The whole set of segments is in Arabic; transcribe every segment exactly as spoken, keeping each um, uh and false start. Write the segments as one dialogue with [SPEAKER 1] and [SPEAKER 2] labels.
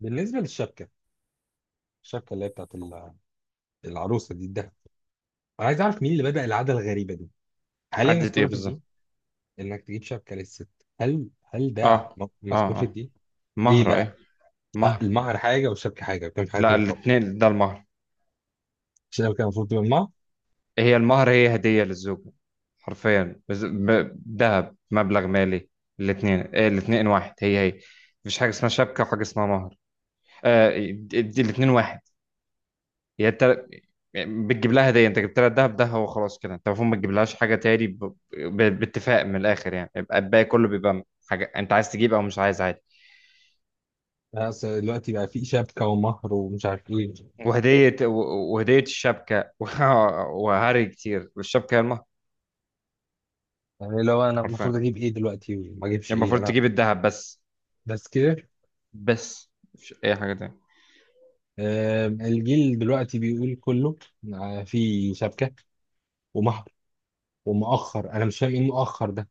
[SPEAKER 1] بالنسبه للشبكه، الشبكه اللي هي بتاعت ال- العروسه دي الدهب. انا عايز اعرف مين اللي بدأ العاده الغريبه دي. هل هي
[SPEAKER 2] عدة
[SPEAKER 1] مذكوره
[SPEAKER 2] ايه
[SPEAKER 1] في الدين،
[SPEAKER 2] بالظبط؟
[SPEAKER 1] انك تجيب شبكه للست؟ هل هل ده
[SPEAKER 2] اه
[SPEAKER 1] م-
[SPEAKER 2] اه
[SPEAKER 1] مذكور في
[SPEAKER 2] اه.
[SPEAKER 1] الدين؟ ايه
[SPEAKER 2] مهر،
[SPEAKER 1] بقى؟
[SPEAKER 2] ايوه.
[SPEAKER 1] ه-
[SPEAKER 2] مهر.
[SPEAKER 1] المهر حاجه والشبكه حاجه بتعمل حاجه
[SPEAKER 2] لا،
[SPEAKER 1] تانيه خالص.
[SPEAKER 2] الاثنين ده المهر.
[SPEAKER 1] الشبكه المفروض تبقى المهر.
[SPEAKER 2] هي المهر، هي هدية للزوجة. حرفيا بز- ب- ذهب، مبلغ مالي. الاثنين إيه؟ الاثنين واحد، هي هي. مفيش حاجة اسمها شبكة وحاجة اسمها مهر. آه. دي الاثنين واحد. هي انت بتجيب لها هدية، انت جبت لها الذهب ده، هو خلاص كده. انت المفروض ما تجيبلهاش حاجة تاني، ب... ب... باتفاق من الاخر يعني، يبقى الباقي كله بيبقى حاجة انت عايز تجيب او مش عايز، عادي.
[SPEAKER 1] آه، بس دلوقتي بقى في شبكه ومهر ومش عارف ايه.
[SPEAKER 2] وهدية و- وهدية الشبكة وهري كتير، والشبكة هي المهر.
[SPEAKER 1] يعني لو انا
[SPEAKER 2] حرفيا
[SPEAKER 1] المفروض
[SPEAKER 2] يعني،
[SPEAKER 1] اجيب ايه دلوقتي وما اجيبش ايه
[SPEAKER 2] المفروض
[SPEAKER 1] انا؟
[SPEAKER 2] تجيب الذهب بس.
[SPEAKER 1] بس كده؟
[SPEAKER 2] بس مش أي حاجة تانية.
[SPEAKER 1] آم، الجيل دلوقتي بيقول كله آه، في شبكه ومهر ومؤخر. انا مش فاهم ايه المؤخر ده.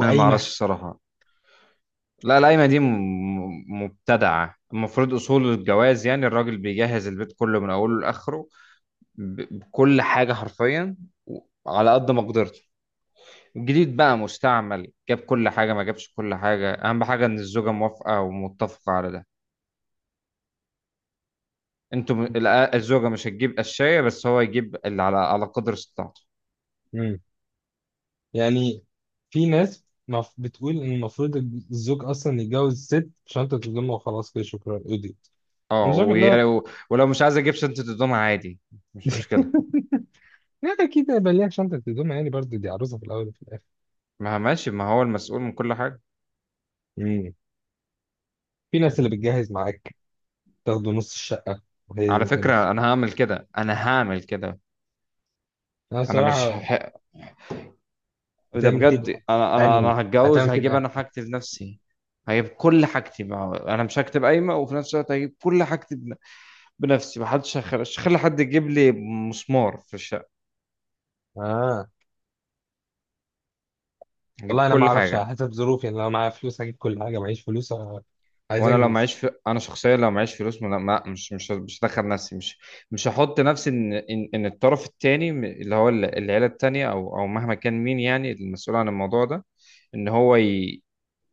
[SPEAKER 2] أنا ما أعرفش الصراحة. لا، القايمة دي م- م- مبتدعة. المفروض أصول الجواز يعني الراجل بيجهز البيت كله من أوله لآخره، ب- بكل حاجة حرفيا، و- على قد مقدرته. جديد بقى مستعمل، جاب كل حاجة ما جابش كل حاجة، أهم حاجة إن الزوجة موافقة ومتفقة على ده. انتوا م- الأ- الزوجه مش هتجيب قشايه، بس هو يجيب اللي على على قدر استطاعته.
[SPEAKER 1] يعني في ناس مف- بتقول ان المفروض الزوج اصلا يتجوز ست شنطة هدوم وخلاص كده، شكرا قضيت. انا
[SPEAKER 2] اه،
[SPEAKER 1] شايف انها
[SPEAKER 2] وي- ولو مش عايز اجيب سنت الدمعه، عادي. مش مشكله.
[SPEAKER 1] لا، اكيد هيبقى ليها شنطة هدوم يعني، برضه دي عروسة في الاول وفي الاخر.
[SPEAKER 2] ما هو ماشي، ما هو المسؤول من كل حاجه.
[SPEAKER 1] مم. في ناس اللي بتجهز معاك، تاخده نص الشقة، وهي
[SPEAKER 2] على
[SPEAKER 1] انت
[SPEAKER 2] فكره،
[SPEAKER 1] نص.
[SPEAKER 2] انا هعمل كده انا هعمل كده.
[SPEAKER 1] انا
[SPEAKER 2] انا مش
[SPEAKER 1] الصراحة
[SPEAKER 2] هح... ده
[SPEAKER 1] بتعمل كده،
[SPEAKER 2] بجد، انا انا
[SPEAKER 1] اني
[SPEAKER 2] انا هتجوز،
[SPEAKER 1] هتعمل كده
[SPEAKER 2] هجيب انا
[SPEAKER 1] أني.
[SPEAKER 2] حاجتي بنفسي. هجيب كل حاجتي بقى. انا مش هكتب قايمه وفي نفس الوقت هجيب كل حاجتي بن- بنفسي. محدش هخ- مش هخلي حد يجيب لي مسمار في الشقه.
[SPEAKER 1] اه، والله
[SPEAKER 2] هجيب
[SPEAKER 1] انا ما
[SPEAKER 2] كل
[SPEAKER 1] اعرفش، على
[SPEAKER 2] حاجه.
[SPEAKER 1] حسب ظروفي يعني. لو معايا فلوس هجيب كل حاجة، معيش فلوس آه، عايز
[SPEAKER 2] وانا لو
[SPEAKER 1] انجز.
[SPEAKER 2] معيش في... انا شخصيا لو معيش فلوس، ما... ما... مش مش مش هدخل نفسي، مش مش هحط نفسي ان ان, إن الطرف التاني م- اللي هو ال- العيله التانيه او او مهما كان مين يعني المسؤول عن الموضوع ده، ان هو ي...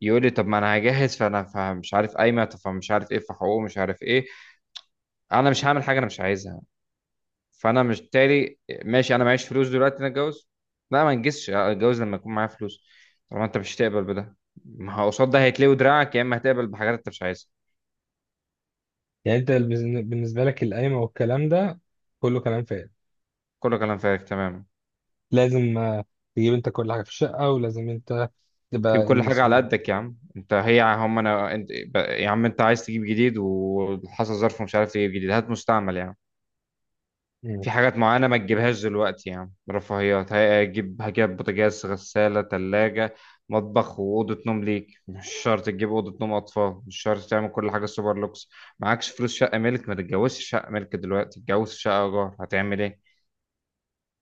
[SPEAKER 2] يقول لي طب ما انا هجهز، فانا فمش عارف قايمه، طب فمش عارف ايه في حقوقه، مش عارف ايه. انا مش هعمل حاجه انا مش عايزها. فانا مش تالي. ماشي، انا معيش فلوس دلوقتي، انا اتجوز؟ لا، ما انجزش، اتجوز لما يكون معايا فلوس. طالما انت مش هتقبل بده، ما هو قصاد ده هيتلوي دراعك، يا اما هتقبل بحاجات انت مش عايزها.
[SPEAKER 1] يعني انت بالنسبة لك القايمة والكلام ده كله كلام فارغ.
[SPEAKER 2] كله كلام فارغ، تمام.
[SPEAKER 1] لازم آه، تجيب انت كل حاجه في الشقه، ولازم انت تبقى
[SPEAKER 2] تجيب كل حاجة على
[SPEAKER 1] المسؤول.
[SPEAKER 2] قدك يا عم، انت هي هم انا انت ب- يا عم، انت عايز تجيب جديد وحصل ظرف ومش عارف تجيب جديد، هات مستعمل يا عم.
[SPEAKER 1] مم.
[SPEAKER 2] في حاجات معينة ما تجيبهاش دلوقتي يا عم، رفاهيات. هجيب هجيب بوتاجاز، غسالة، تلاجة، مطبخ، وأوضة نوم ليك. مش شرط تجيب أوضة نوم أطفال، مش شرط تعمل كل حاجة سوبر لوكس. معكش فلوس شقة ملك، ما تتجوزش شقة ملك دلوقتي، تتجوز شقة إيجار. هتعمل إيه؟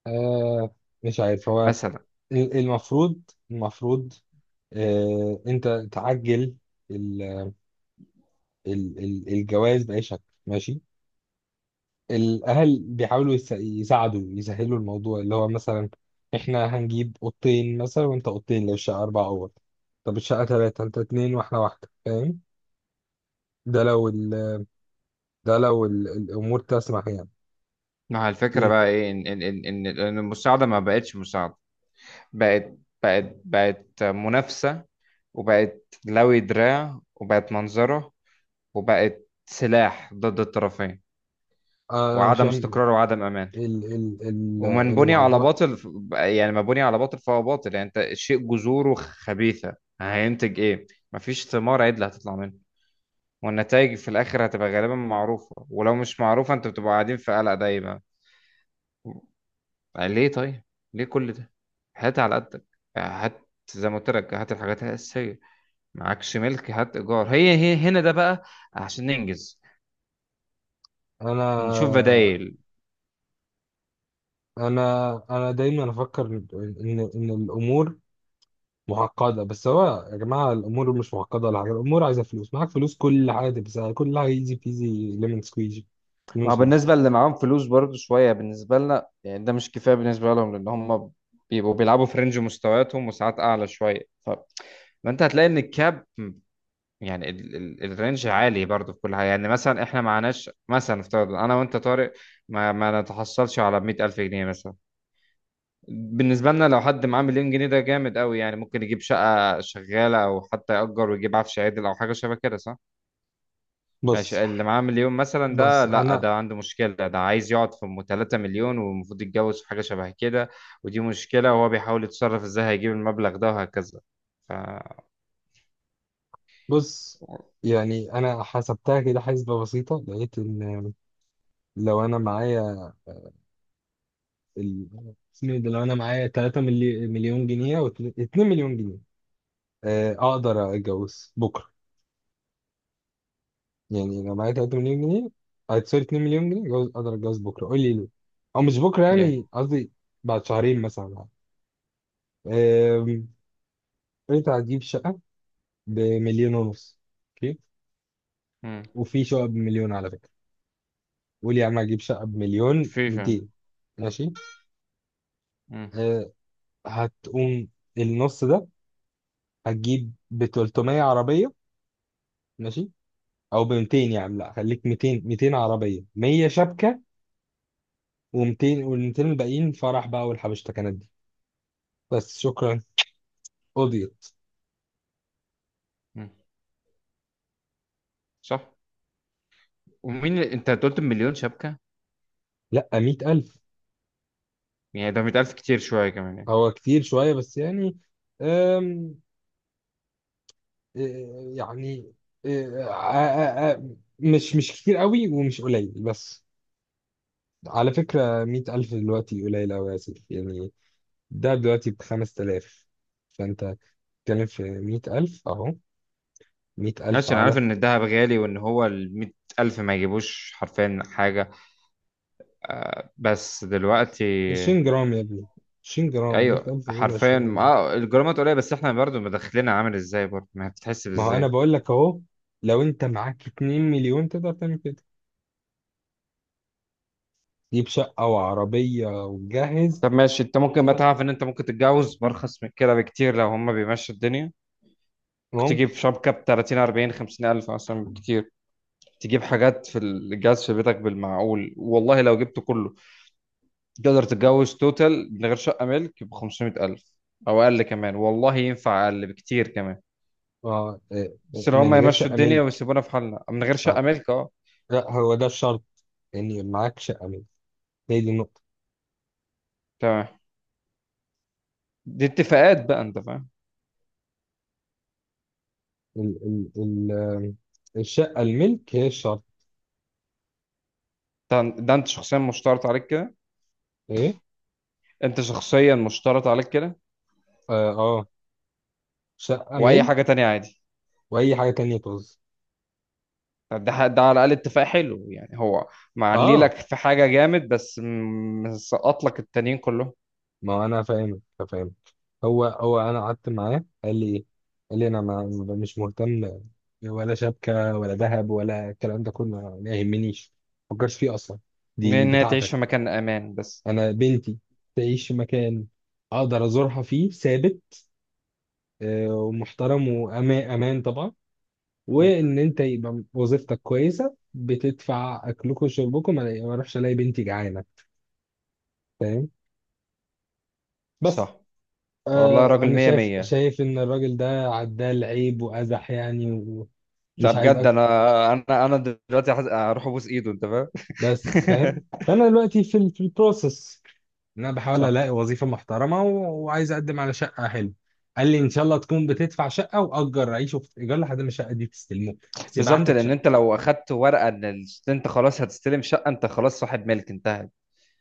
[SPEAKER 1] آه، مش عارف. هو
[SPEAKER 2] مثلا.
[SPEAKER 1] ال- المفروض المفروض آه انت تعجل ال ال ال الجواز بأي شكل ماشي. الأهل بيحاولوا يس- يساعدوا يسهلوا الموضوع، اللي هو مثلا احنا هنجيب أوضتين مثلا وانت أوضتين لو الشقة أربع أوض. طب الشقة تلاتة، انت اتنين واحنا واحدة، فاهم؟ ده لو ال ده لو ال الأمور تسمح يعني.
[SPEAKER 2] ما هو الفكرة
[SPEAKER 1] في،
[SPEAKER 2] بقى إيه؟ إن إن إن إن إن المساعدة ما بقتش مساعدة، بقت بقت بقت منافسة، وبقت لوي دراع، وبقت منظرة، وبقت سلاح ضد الطرفين،
[SPEAKER 1] آه، أنا مش
[SPEAKER 2] وعدم
[SPEAKER 1] فاهم
[SPEAKER 2] استقرار وعدم أمان،
[SPEAKER 1] ال ال ال
[SPEAKER 2] ومن بني على
[SPEAKER 1] الأعضاء.
[SPEAKER 2] باطل. يعني ما بني على باطل فهو باطل. يعني انت الشيء جذوره خبيثة، هينتج ايه؟ مفيش ثمار عدل هتطلع منه. والنتائج في الاخر هتبقى غالبا معروفة، ولو مش معروفة انت بتبقى قاعدين في قلق دايما. ليه طيب؟ ليه كل ده؟ هات على قدك، هات زي ما قلت لك، هات الحاجات الأساسية. معكش ملك، هات ايجار، هي هي هنا ده بقى، عشان ننجز، نشوف
[SPEAKER 1] أنا
[SPEAKER 2] بدايل.
[SPEAKER 1] أنا أنا دايما أفكر إن إن الأمور معقدة. بس هو يا جماعة الأمور مش معقدة ولا حاجة. الأمور عايزة فلوس، معاك فلوس كل حاجة تبقى سهلة، كل حاجة إيزي بيزي، ليمون سكويجي، ليمون
[SPEAKER 2] ما هو
[SPEAKER 1] سكويجي.
[SPEAKER 2] بالنسبة اللي معاهم فلوس برضو شوية بالنسبة لنا، يعني ده مش كفاية بالنسبة لهم، لأن هم بيبقوا بيلعبوا في رينج مستوياتهم وساعات أعلى شوية. ف... فأنت هتلاقي إن الكاب، يعني ال... ال... الرينج عالي برضو في كل حاجة. يعني مثلا إحنا معناش، مثلا افترض أنا وأنت طارق ما, ما نتحصلش على مائة ألف جنيه مثلا. بالنسبة لنا لو حد معاه مليون جنيه ده جامد قوي، يعني ممكن يجيب شقة شغالة أو حتى يأجر ويجيب عفش عادل أو حاجة شبه كده، صح؟
[SPEAKER 1] بص
[SPEAKER 2] ماشي، اللي معاه مليون مثلا ده
[SPEAKER 1] بص
[SPEAKER 2] لا،
[SPEAKER 1] أنا،
[SPEAKER 2] ده عنده مشكلة، ده عايز يقعد في ام 3 مليون، والمفروض يتجوز في حاجة شبه كده. ودي مشكلة، وهو بيحاول يتصرف ازاي هيجيب المبلغ ده، وهكذا. ف
[SPEAKER 1] بص، يعني أنا حسبتها كده حسبة بسيطة. لقيت إن، لو أنا معايا ال... اسمه إيه ده، لو أنا معايا ثلاثة مليون جنيه أو اتنين مليون جنيه، آه، أقدر أتجوز بكرة. يعني لو معايا تلاتة مليون جنيه، آه، سوري، اتنين مليون جنيه جوز، اقدر اتجوز بكره، قول لي ليه. او مش بكره
[SPEAKER 2] yeah.
[SPEAKER 1] يعني قصدي، بعد شهرين مثلا يعني. أم، انت هتجيب شقه بمليون ونص، اوكي.
[SPEAKER 2] مم.
[SPEAKER 1] وفي شقه بمليون على فكره. قول يا عم هجيب شقه بمليون
[SPEAKER 2] في فعلا.
[SPEAKER 1] ميتين. ماشي.
[SPEAKER 2] مم.
[SPEAKER 1] أه، هتقوم النص ده، هتجيب ب تلتميه عربيه. ماشي. او ب ميتين، يا عم لا خليك ميتين. ميتين عربيه، ميه شبكه، و200، وال200 الباقيين فرح بقى والحبشتكنات دي. بس شكرا قضيت.
[SPEAKER 2] مم. صح. ومين اللي- انت قلت مليون شبكة؟
[SPEAKER 1] لا، مية ألف.
[SPEAKER 2] يعني ده مائة ألف كتير شوية كمان يعني.
[SPEAKER 1] هو كتير شوية بس يعني. أم إيه، يعني إيه، آ- آ- آ- مش مش كتير قوي ومش قليل بس. على فكرة مية ألف دلوقتي قليل أوي يا سيف يعني. ده دلوقتي بخمس تلاف. فأنت بتتكلم في مية ألف أهو. مية ألف
[SPEAKER 2] ماشي، انا عارف
[SPEAKER 1] على
[SPEAKER 2] ان الذهب غالي، وان هو ال مية ألف ما يجيبوش حرفيا حاجة. بس دلوقتي
[SPEAKER 1] عشرين جرام يا ابني. عشرين جرام، مية
[SPEAKER 2] ايوه،
[SPEAKER 1] ألف دول عشرين
[SPEAKER 2] حرفيا
[SPEAKER 1] جرام.
[SPEAKER 2] اه الجرامات قليلة، بس احنا برضو مدخلنا عامل ازاي، برضو ما بتتحسب
[SPEAKER 1] ما هو أنا
[SPEAKER 2] ازاي؟
[SPEAKER 1] بقول لك أهو، لو أنت معاك اتنين مليون تقدر تعمل كده. جيب شقة وعربية وتجهز
[SPEAKER 2] طب ماشي، انت ممكن بقى
[SPEAKER 1] وتجهز.
[SPEAKER 2] تعرف ان انت ممكن تتجوز بارخص من كده بكتير لو هما بيمشوا الدنيا. ممكن تجيب
[SPEAKER 1] ممكن.
[SPEAKER 2] شبكة ب تلاتين اربعين خمسين الف اصلا بكتير. تجيب حاجات في الجهاز في بيتك بالمعقول، والله لو جبته كله تقدر تتجوز توتال من غير شقة ملك ب خمسمية الف، او اقل كمان، والله ينفع اقل بكتير كمان.
[SPEAKER 1] آه، آه، آه،
[SPEAKER 2] بس لو
[SPEAKER 1] من
[SPEAKER 2] هما
[SPEAKER 1] غير
[SPEAKER 2] يمشوا
[SPEAKER 1] شقة
[SPEAKER 2] الدنيا
[SPEAKER 1] ملك.
[SPEAKER 2] ويسيبونا في حالنا من غير شقة
[SPEAKER 1] آه،
[SPEAKER 2] ملك، اه.
[SPEAKER 1] لا هو ده الشرط، يعني معاك شقة ملك، هي دي النقطة.
[SPEAKER 2] تمام. دي اتفاقات بقى، انت فاهم؟
[SPEAKER 1] ال ال ال آه، الشقة الملك هي الشرط.
[SPEAKER 2] ده ده انت شخصيا مشترط عليك كده؟
[SPEAKER 1] ايه؟
[SPEAKER 2] انت شخصيا مشترط عليك كده.
[SPEAKER 1] اه، آه، شقة
[SPEAKER 2] واي
[SPEAKER 1] ملك.
[SPEAKER 2] حاجة تانية عادي.
[SPEAKER 1] وأي حاجة تانية طز.
[SPEAKER 2] طب ده ده على الاقل اتفاق حلو يعني، هو معلي
[SPEAKER 1] اه،
[SPEAKER 2] لك في حاجه جامد، بس م- مسقط لك التانيين كلهم.
[SPEAKER 1] ما هو انا فاهمك، فاهم. هو هو انا قعدت معاه قال لي ايه؟ قال لي انا ما ما- مش مهتم، ولا شبكه ولا ذهب ولا الكلام ده كله ما يهمنيش. ما فكرش فيه اصلا.
[SPEAKER 2] من
[SPEAKER 1] دي
[SPEAKER 2] ان هي تعيش
[SPEAKER 1] بتاعتك.
[SPEAKER 2] في مكان امان بس.
[SPEAKER 1] انا بنتي تعيش في مكان اقدر ازورها فيه ثابت، آه، ومحترم وامان طبعا.
[SPEAKER 2] م.
[SPEAKER 1] وان انت يبقى وظيفتك كويسه بتدفع اكلكم وشربكم، ما ما اروحش الاقي بنتي جعانه، فاهم. بس
[SPEAKER 2] صح. والله،
[SPEAKER 1] آه،
[SPEAKER 2] راجل
[SPEAKER 1] انا
[SPEAKER 2] مية
[SPEAKER 1] شايف
[SPEAKER 2] مية.
[SPEAKER 1] شايف ان الراجل ده عدال عيب وازح يعني. ومش
[SPEAKER 2] ده
[SPEAKER 1] عايز
[SPEAKER 2] بجد،
[SPEAKER 1] أك...
[SPEAKER 2] انا انا انا دلوقتي حز- هروح ابوس ايده، انت فاهم؟
[SPEAKER 1] بس فاهم. فانا دلوقتي في ال... في البروسس، ان انا بحاول
[SPEAKER 2] صح.
[SPEAKER 1] الاقي وظيفه محترمه و... وعايز اقدم على شقه حلوه. قال لي ان شاء الله تكون بتدفع شقه واجر عيش وفي ايجار لحد ما الشقه دي تستلموه، بس يبقى
[SPEAKER 2] بالظبط،
[SPEAKER 1] عندك
[SPEAKER 2] لان
[SPEAKER 1] شقه.
[SPEAKER 2] انت لو اخدت ورقه ان ال- انت خلاص هتستلم شقه، انت خلاص صاحب ملك، انتهت.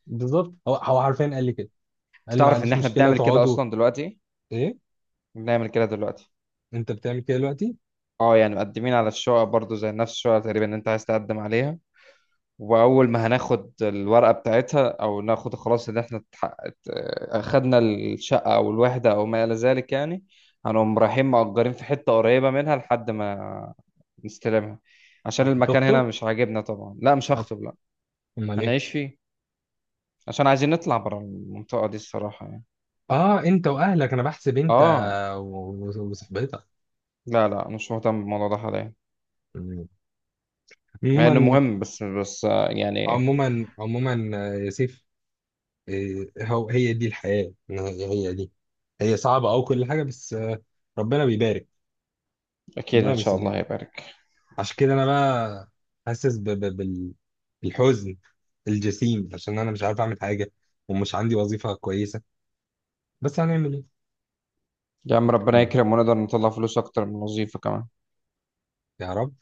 [SPEAKER 1] بالظبط. هو هو حرفيا قال لي كده.
[SPEAKER 2] انت
[SPEAKER 1] قال لي ما
[SPEAKER 2] تعرف ان
[SPEAKER 1] عنديش
[SPEAKER 2] احنا
[SPEAKER 1] مشكله
[SPEAKER 2] بنعمل كده
[SPEAKER 1] تقعدوا.
[SPEAKER 2] اصلا دلوقتي؟
[SPEAKER 1] ايه؟
[SPEAKER 2] بنعمل كده دلوقتي.
[SPEAKER 1] انت بتعمل كده دلوقتي؟
[SPEAKER 2] اه، يعني مقدمين على الشقق برضو زي نفس الشقه تقريبا اللي انت عايز تقدم عليها. واول ما هناخد الورقه بتاعتها، او ناخد خلاص ان احنا اتحققت، اخدنا الشقه او الوحده او ما الى ذلك يعني، هنقوم رايحين مأجرين في حته قريبه منها لحد ما نستلمها، عشان المكان هنا
[SPEAKER 1] هتخطب؟
[SPEAKER 2] مش عاجبنا طبعا. لا، مش
[SPEAKER 1] هت-
[SPEAKER 2] هخطب، لا،
[SPEAKER 1] امال ايه؟
[SPEAKER 2] هنعيش فيه، عشان عايزين نطلع بره المنطقه دي الصراحه يعني.
[SPEAKER 1] اه، انت واهلك انا بحسب. انت
[SPEAKER 2] اه.
[SPEAKER 1] و- و- وصاحبتك.
[SPEAKER 2] لا لا، مش مهتم بالموضوع ده حاليا، مع انه
[SPEAKER 1] عموما،
[SPEAKER 2] مهم، بس بس آه، يعني.
[SPEAKER 1] عموما، عموما، آه، يا سيف، آه، هو هي دي الحياة، إن هي هي دي. هي صعبة أو كل حاجة، بس آه، ربنا بيبارك،
[SPEAKER 2] اكيد ان
[SPEAKER 1] ربنا
[SPEAKER 2] شاء الله
[SPEAKER 1] بيسمناش.
[SPEAKER 2] هيبارك.
[SPEAKER 1] عشان كده أنا بقى حاسس ب- ب- بال- بالحزن الجسيم، عشان أنا مش عارف أعمل حاجة، ومش عندي وظيفة كويسة. بس هنعمل إيه؟
[SPEAKER 2] يا عم،
[SPEAKER 1] الحمد
[SPEAKER 2] ربنا
[SPEAKER 1] لله،
[SPEAKER 2] يكرم ونقدر نطلع فلوس اكتر من الوظيفه كمان.
[SPEAKER 1] يا رب.